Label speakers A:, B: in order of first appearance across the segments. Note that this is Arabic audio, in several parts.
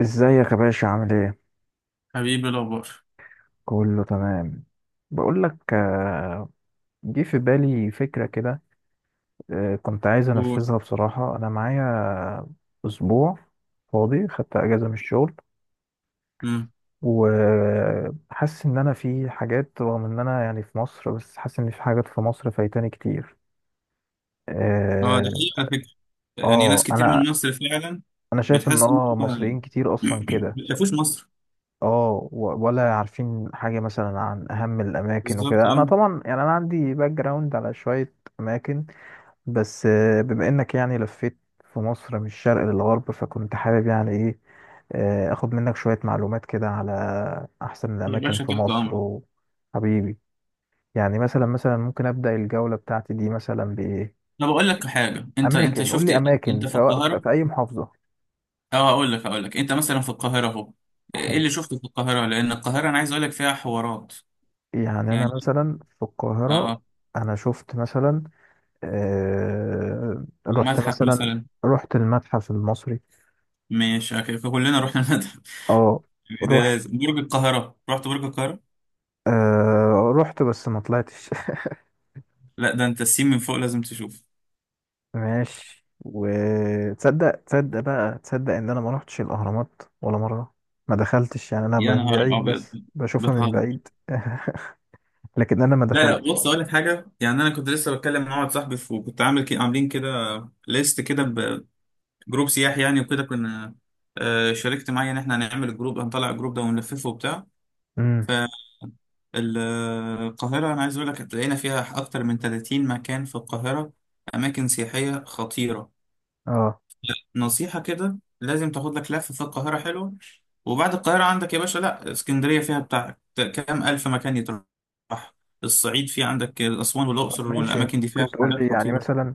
A: ازيك يا باشا، عامل ايه؟
B: حبيبي، الأخبار؟
A: كله تمام. بقول لك، آه، جه في بالي فكرة كده. كنت عايز
B: قول.
A: انفذها، بصراحة انا معايا اسبوع فاضي، خدت اجازة من الشغل،
B: مم.
A: وحاسس ان انا في حاجات، رغم ان انا يعني في مصر، بس حاسس ان في حاجات في مصر فايتاني كتير.
B: اه، ده
A: اه.
B: حقيقي على فكرة. يعني ناس
A: آه،
B: كتير
A: انا
B: من مصر فعلا
A: انا شايف ان
B: بتحس إن هو
A: مصريين كتير اصلا كده.
B: ما شافوش مصر
A: اه. ولا عارفين حاجة مثلا عن أهم الأماكن
B: بالظبط،
A: وكده. أنا
B: اه.
A: طبعا، يعني أنا عندي باك جراوند على شوية أماكن، بس بما إنك يعني لفيت في مصر من الشرق للغرب، فكنت حابب يعني إيه، آخد منك شوية معلومات كده على أحسن
B: يا
A: الأماكن
B: باشا
A: في
B: تحت
A: مصر،
B: أمرك.
A: وحبيبي. يعني مثلا ممكن أبدأ الجولة بتاعتي دي مثلا بإيه؟
B: أنا بقول لك حاجة، أنت
A: أماكن، قول
B: شفت
A: لي
B: إيه؟
A: أماكن،
B: أنت في
A: سواء في
B: القاهرة،
A: في أي محافظة.
B: اه. أقول لك أنت مثلا في القاهرة أهو، إيه
A: حلو.
B: اللي شفته في القاهرة؟ لأن القاهرة أنا عايز أقول لك فيها حوارات
A: يعني
B: يعني.
A: أنا مثلا في القاهرة،
B: اه،
A: أنا شفت مثلا، رحت
B: المتحف
A: مثلا،
B: مثلا.
A: رحت المتحف المصري.
B: مش كلنا رحنا المتحف؟
A: اه.
B: ده
A: رحت
B: لازم برج القاهرة، رحت برج القاهرة؟
A: رحت بس ما طلعتش
B: لا، ده أنت السين من فوق لازم تشوفه.
A: ماشي. وتصدق بقى، تصدق ان انا ما رحتش الاهرامات ولا مره، ما دخلتش يعني، انا
B: يا
A: من
B: نهار
A: بعيد
B: ابيض،
A: بس بشوفها من
B: بتهزر؟
A: بعيد لكن انا ما
B: لا
A: دخلت.
B: لا، بص اقول لك حاجه. يعني انا كنت لسه بتكلم مع واحد صاحبي وكنت عامل كي عاملين كده ليست كده بجروب سياحي يعني، وكده كنا، شاركت معايا ان احنا هنعمل الجروب، هنطلع الجروب ده ونلففه وبتاع.
A: امم.
B: فالقاهره انا عايز اقول لك هتلاقينا فيها اكتر من 30 مكان في القاهره، اماكن سياحيه خطيره.
A: اه.
B: نصيحة كده لازم تاخد لك لفة في القاهرة حلوة. وبعد القاهرة عندك يا باشا لا اسكندرية فيها بتاع كام ألف مكان يتروح. الصعيد فيه عندك أسوان
A: طب
B: والأقصر،
A: ماشي،
B: والأماكن دي فيها
A: ممكن تقول لي
B: حاجات
A: يعني
B: خطيرة.
A: مثلا،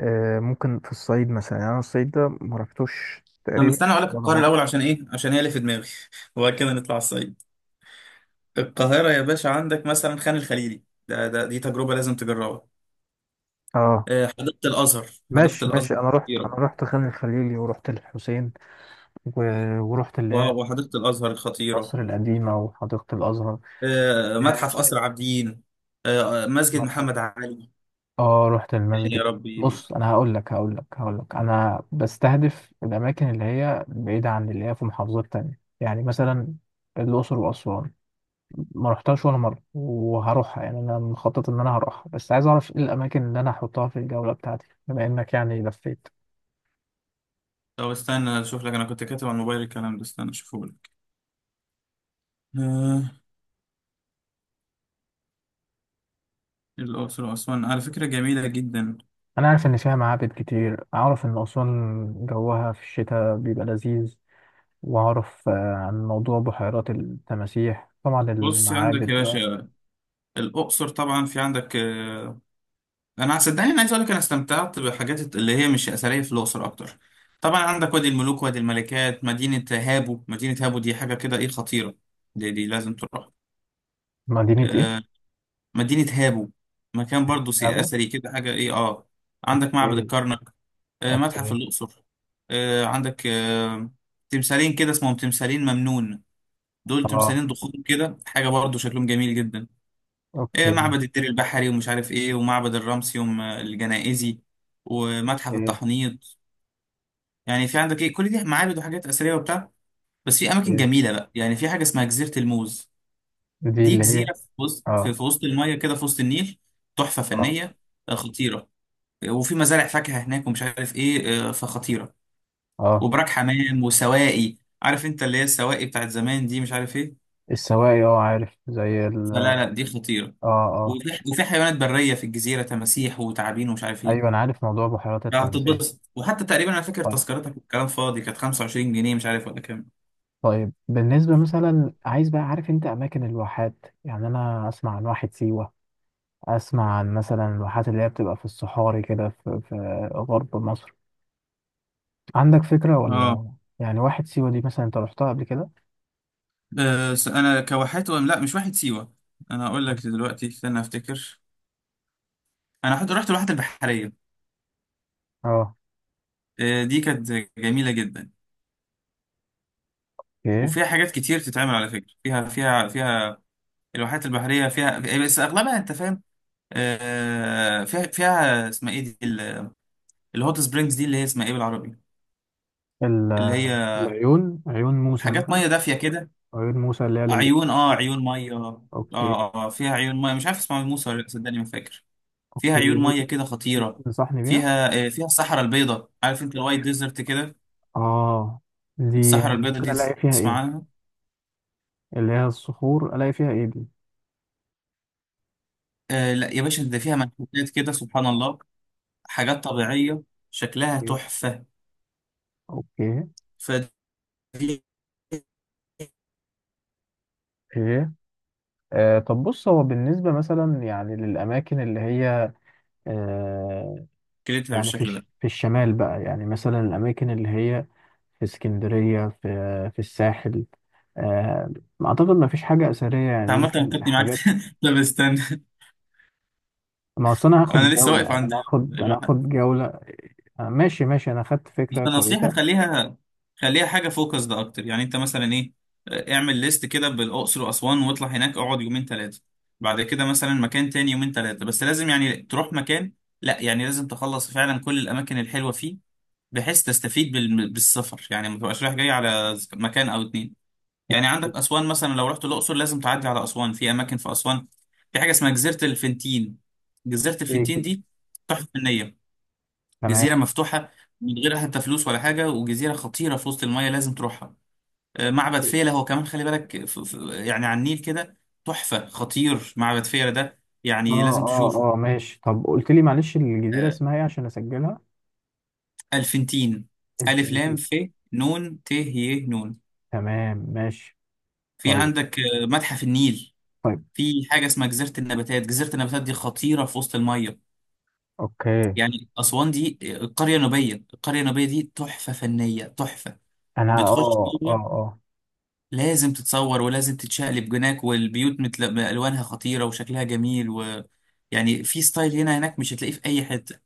A: ممكن في الصعيد مثلا، يعني انا الصعيد ده ما رحتوش
B: طب
A: تقريبا
B: استنى أقول لك
A: ولا
B: القاهرة الأول
A: مره.
B: عشان إيه؟ عشان هي اللي في دماغي وبعد كده نطلع الصعيد. القاهرة يا باشا عندك مثلا خان الخليلي ده، دي تجربة لازم تجربها.
A: اه.
B: حديقة الأزهر. حديقة
A: ماشي ماشي،
B: الأزهر
A: انا رحت
B: خطيرة.
A: انا رحت خان الخليلي، ورحت الحسين، و... ورحت اللي هي
B: واو، وحديقة الأزهر خطيرة.
A: مصر القديمه وحديقه الازهر. يعني
B: متحف
A: مثلا
B: قصر عابدين. مسجد
A: متحف.
B: محمد علي.
A: اه، رحت
B: يعني
A: المسجد.
B: يا ربي.
A: بص، انا هقول لك انا بستهدف الاماكن اللي هي بعيده، عن اللي هي في محافظات تانية، يعني مثلا الاقصر واسوان ما رحتهاش ولا مره، وهروحها. يعني انا مخطط ان انا هروحها، بس عايز اعرف ايه الاماكن اللي انا هحطها في الجوله بتاعتي، بما انك يعني لفيت.
B: طب استنى اشوف لك، انا كنت كاتب على الموبايل الكلام ده، استنى اشوفه لك. آه، الاقصر واسوان على فكره جميله جدا.
A: أنا عارف إن فيها معابد كتير، أعرف إن أسوان جوها في الشتاء بيبقى لذيذ، وأعرف عن موضوع بحيرات التماسيح، طبعا
B: بص عندك
A: المعابد
B: يا
A: بقى.
B: باشا الاقصر طبعا في عندك آه، انا صدقني انا عايز اقول لك انا استمتعت بحاجات اللي هي مش اثريه في الاقصر اكتر. طبعا عندك وادي الملوك، وادي الملكات، مدينه هابو. مدينه هابو دي حاجه كده ايه، خطيره. دي لازم تروح.
A: مدينة إيه؟
B: آه مدينه هابو، مكان برضو
A: أبو؟
B: اثري كده، حاجه ايه اه. عندك معبد
A: أوكي،
B: الكرنك، متحف
A: أوكي،
B: الأقصر، عندك تمثالين كده اسمهم تمثالين ممنون. دول
A: أه،
B: تمثالين ضخام كده، حاجة برضو شكلهم جميل جدا.
A: أوكي،
B: معبد الدير البحري ومش عارف ايه، ومعبد الرمسيوم الجنائزي، ومتحف
A: أوكي،
B: التحنيط. يعني في عندك ايه، كل دي معابد وحاجات أثرية وبتاع. بس في أماكن
A: أوكي.
B: جميلة بقى، يعني في حاجة اسمها جزيرة الموز.
A: دي
B: دي
A: اللي هي.
B: جزيرة في وسط، في
A: أه،
B: في وسط المية كده، في وسط النيل. تحفة
A: أه،
B: فنية، خطيرة. وفي مزارع فاكهة هناك ومش عارف ايه، فخطيرة.
A: أه.
B: وبراك حمام وسواقي. عارف انت اللي هي السواقي بتاعت زمان دي، مش عارف ايه.
A: السواقي، أه، عارف، زي ال
B: فلا
A: أه
B: لا، دي خطيره.
A: أه.
B: وفي حيوانات بريه في الجزيره، تماسيح وتعابين ومش عارف
A: أيوه، أنا
B: ايه.
A: عارف موضوع بحيرات التماسيح.
B: هتتبسط. وحتى تقريبا انا فاكر
A: طيب،
B: تذكرتك الكلام فاضي كانت 25 جنيه، مش عارف ولا كام.
A: طيب، بالنسبة مثلا، عايز بقى عارف أنت أماكن الواحات. يعني أنا أسمع عن واحة سيوة، اسمع عن مثلا الواحات اللي هي بتبقى في الصحاري كده، في غرب مصر. عندك فكرة،
B: اه،
A: ولا يعني واحد سيوة دي مثلا انت رحتها قبل كده؟
B: بس انا كواحات لا مش واحد سيوه. انا هقول لك دلوقتي، استنى افتكر. انا حد رحت الواحات البحريه.
A: اه.
B: دي كانت جميله جدا،
A: اوكي.
B: وفيها حاجات كتير تتعمل على فكره. فيها الواحات البحريه فيها، بس اغلبها انت فاهم. فيها اسمها ايه دي، الهوت سبرينجز دي، اللي هي اسمها ايه بالعربي؟
A: ال-
B: اللي هي
A: عيون موسى
B: حاجات
A: مثلا،
B: ميه دافيه كده.
A: عيون موسى اللي هي
B: عيون، اه
A: للاستشفاء.
B: عيون ميه، اه
A: اوكي،
B: اه. فيها عيون ميه، مش عارف اسمها موسى ولا لأ، صدقني ما فاكر. فيها
A: اوكي.
B: عيون
A: دي
B: ميه كده،
A: دي
B: خطيره.
A: تنصحني بيها؟
B: فيها فيها الصحراء البيضاء، عارف انت الوايت ديزرت كده.
A: اه. دي
B: الصحراء البيضاء
A: ممكن
B: دي
A: الاقي فيها
B: تسمع
A: ايه؟
B: عنها؟
A: اللي هي الصخور، الاقي فيها ايه دي؟
B: آه لا يا باشا، ده فيها منحوتات كده سبحان الله، حاجات طبيعيه شكلها
A: اوكي،
B: تحفه.
A: اوكي.
B: فدي
A: ايه؟ طب بص، هو بالنسبة مثلا، يعني للأماكن اللي هي، آه،
B: كلتها
A: يعني
B: بالشكل ده.
A: في الشمال بقى، يعني مثلا الأماكن اللي هي في اسكندرية، في الساحل، آه، أعتقد ما فيش حاجة أثرية،
B: انت
A: يعني
B: عامه
A: يمكن
B: نكتني معاك
A: حاجات.
B: لا بستنى،
A: ما أصل أنا هاخد
B: انا لسه
A: جولة،
B: واقف
A: يعني
B: عند
A: أنا هاخد أنا
B: الواحد.
A: هاخد جولة. ماشي ماشي، أنا خدت
B: بس
A: فكرة
B: النصيحه
A: كويسة.
B: خليها، خليها حاجه فوكس ده اكتر. يعني انت مثلا ايه، اعمل ليست كده بالاقصر واسوان، واطلع هناك اقعد يومين ثلاثه. بعد كده مثلا مكان تاني يومين ثلاثه. بس لازم يعني تروح مكان، لا يعني لازم تخلص فعلا كل الاماكن الحلوه فيه، بحيث تستفيد بالسفر. يعني ما تبقاش رايح جاي على مكان او اتنين. يعني عندك اسوان مثلا، لو رحت الاقصر لازم تعدي على اسوان. في اماكن في اسوان، في حاجه اسمها جزيره الفنتين. جزيره
A: إيه
B: الفنتين
A: الج-
B: دي تحفه فنيه،
A: تمام.
B: جزيرة مفتوحة من غير حتى فلوس ولا حاجة، وجزيرة خطيرة في وسط المية، لازم تروحها. معبد فيلة هو كمان خلي بالك، يعني على النيل كده. تحفة خطير معبد فيلة ده،
A: أه،
B: يعني لازم تشوفه.
A: أه، أه. ماشي، طب قلت لي معلش، الجزيرة
B: آه،
A: اسمها إيه عشان أسجلها؟
B: ألفنتين. ألف لام
A: الفلبين.
B: ف نون ت ي نون.
A: تمام، ماشي.
B: في
A: طيب،
B: عندك متحف النيل.
A: طيب،
B: في حاجة اسمها جزيرة النباتات، جزيرة النباتات دي خطيرة في وسط المية.
A: أوكي.
B: يعني أسوان دي القرية النوبية. القرية النوبية دي تحفة فنية تحفة.
A: أنا
B: بتخش،
A: أه أه
B: لازم تتصور ولازم تتشقلب هناك، والبيوت متل الوانها خطيره وشكلها جميل، و يعني في ستايل هنا هناك مش هتلاقيه في اي حته.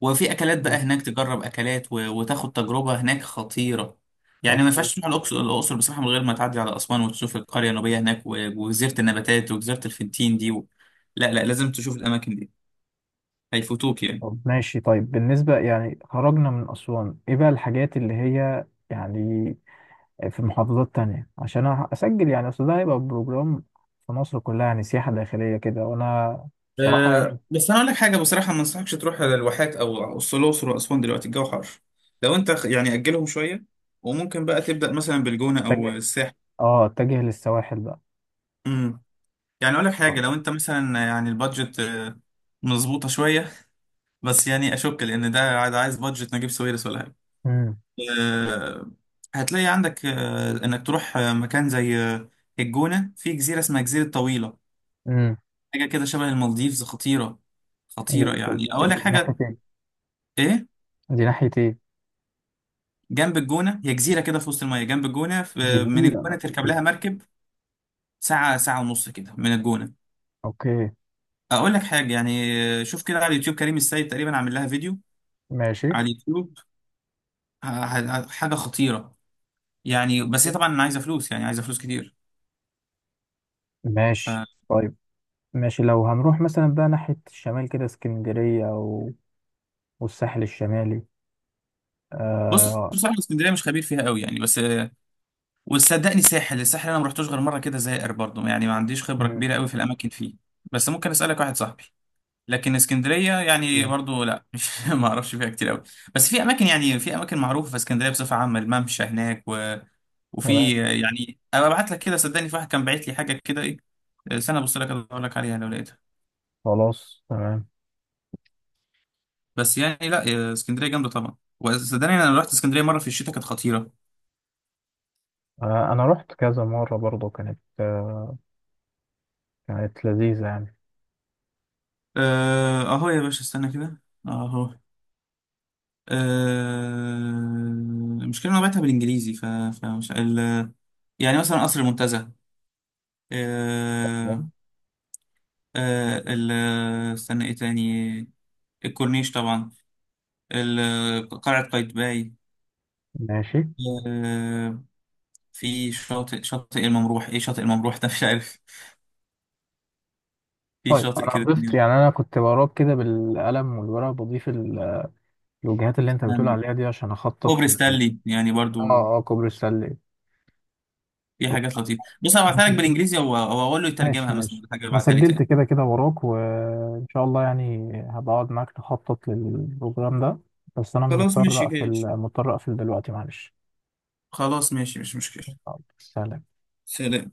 B: وفي اكلات بقى
A: أه
B: هناك تجرب اكلات، و... وتاخد تجربه هناك خطيره. يعني ما
A: أوكي.
B: ينفعش تروح الاقصر، الاقصر بصراحه، من غير ما تعدي على اسوان وتشوف القريه النوبيه هناك، و... وجزيره النباتات وجزيره الفنتين دي. و... لا لا، لازم تشوف الاماكن دي، هيفوتوك يعني.
A: طب ماشي، طيب بالنسبة يعني خرجنا من أسوان، إيه بقى الحاجات اللي هي، يعني في محافظات تانية، عشان أنا أسجل يعني، أصل ده هيبقى بروجرام في مصر كلها، يعني سياحة داخلية كده، وأنا بصراحة يعني،
B: أه، بس انا اقول لك حاجه بصراحه، ما انصحكش تروح الواحات او أو الاقصر واسوان دلوقتي، الجو حر. لو انت يعني اجلهم شويه، وممكن بقى تبدا مثلا بالجونه او
A: أتجه
B: الساحل.
A: أتجه للسواحل بقى.
B: امم يعني اقول لك حاجه،
A: طيب.
B: لو انت مثلا يعني البادجت مظبوطه شويه، بس يعني اشك لان ده عايز بادجت نجيب ساويرس ولا حاجه.
A: أمم.
B: أه، هتلاقي عندك أه انك تروح مكان زي الجونه. في جزيره اسمها جزيره طويله،
A: أمم.
B: حاجه كده شبه المالديفز، خطيره. خطيره يعني اقول لك
A: ناحية
B: حاجه
A: إيه؟
B: ايه.
A: دي ناحية إيه؟
B: جنب الجونة، هي جزيرة كده في وسط المية جنب الجونة، من
A: جزيرة.
B: الجونة تركب
A: أوكي.
B: لها مركب ساعة ونص كده من الجونة.
A: أوكي،
B: أقول لك حاجة يعني، شوف كده على اليوتيوب كريم السيد تقريبا عامل لها فيديو
A: ماشي
B: على اليوتيوب. ه- حاجة خطيرة، يعني. بس هي طبعا عايزة فلوس، يعني عايزة فلوس كتير.
A: ماشي، طيب، ماشي، لو هنروح مثلا بقى ناحية الشمال كده، اسكندرية والساحل الشمالي
B: فبص
A: آه.
B: بصراحة اسكندرية مش خبير فيها قوي يعني. بس وصدقني ساحل، الساحل أنا ما رحتوش غير مرة كده زائر برضه، يعني ما عنديش خبرة
A: مم.
B: كبيرة قوي في الأماكن فيه. بس ممكن أسألك واحد صاحبي. لكن اسكندريه يعني
A: مم.
B: برضو لا مش ما اعرفش فيها كتير قوي. بس في اماكن، يعني في اماكن معروفه في اسكندريه بصفه عامه، الممشى هناك، و...
A: تمام.
B: وفي يعني ابقى ابعت لك كده، صدقني في واحد كان باعت لي حاجه كده ايه. استنى ابص لك اقول لك عليها لو لقيتها.
A: خلاص تمام.
B: بس يعني لا اسكندريه جامده طبعا. وصدقني انا لو رحت اسكندريه مره في الشتاء كانت خطيره.
A: آه. أنا رحت كذا مرة برضو، كانت آه. كانت لذيذة يعني.
B: اهو يا باشا استنى كده، اهو. المشكله إن انا بعتها بالانجليزي، ف... فمش ال، يعني مثلا قصر المنتزه، آه،
A: تمام.
B: ال، استنى ايه تاني، الكورنيش طبعا، قلعة قايتباي،
A: ماشي،
B: آه، في شاطئ، شاطئ الممروح، ايه شاطئ الممروح ده مش عارف. في
A: طيب،
B: شاطئ
A: أنا
B: كده
A: ضفت
B: تاني
A: يعني، أنا كنت وراك كده بالقلم والورقة، بضيف الوجهات اللي أنت بتقول
B: عندي،
A: عليها دي، عشان أخطط
B: كوبري
A: ل-
B: ستانلي يعني
A: آه،
B: برضو.
A: آه، كوبري السلة.
B: في حاجات لطيفة. بص انا
A: أنا
B: هبعتها لك
A: سجلت،
B: بالانجليزي، او اقول له
A: ماشي
B: يترجمها مثلا،
A: ماشي،
B: حاجة
A: أنا
B: ابعتها لي
A: سجلت
B: تاني.
A: كده كده وراك، وإن شاء الله يعني هبقعد معاك نخطط للبروجرام ده. بس أنا
B: خلاص
A: مضطر
B: ماشي
A: أقفل،
B: ماشي.
A: مضطر أقفل دلوقتي، معلش.
B: خلاص ماشي، مش مشكلة.
A: سلام.
B: سلام.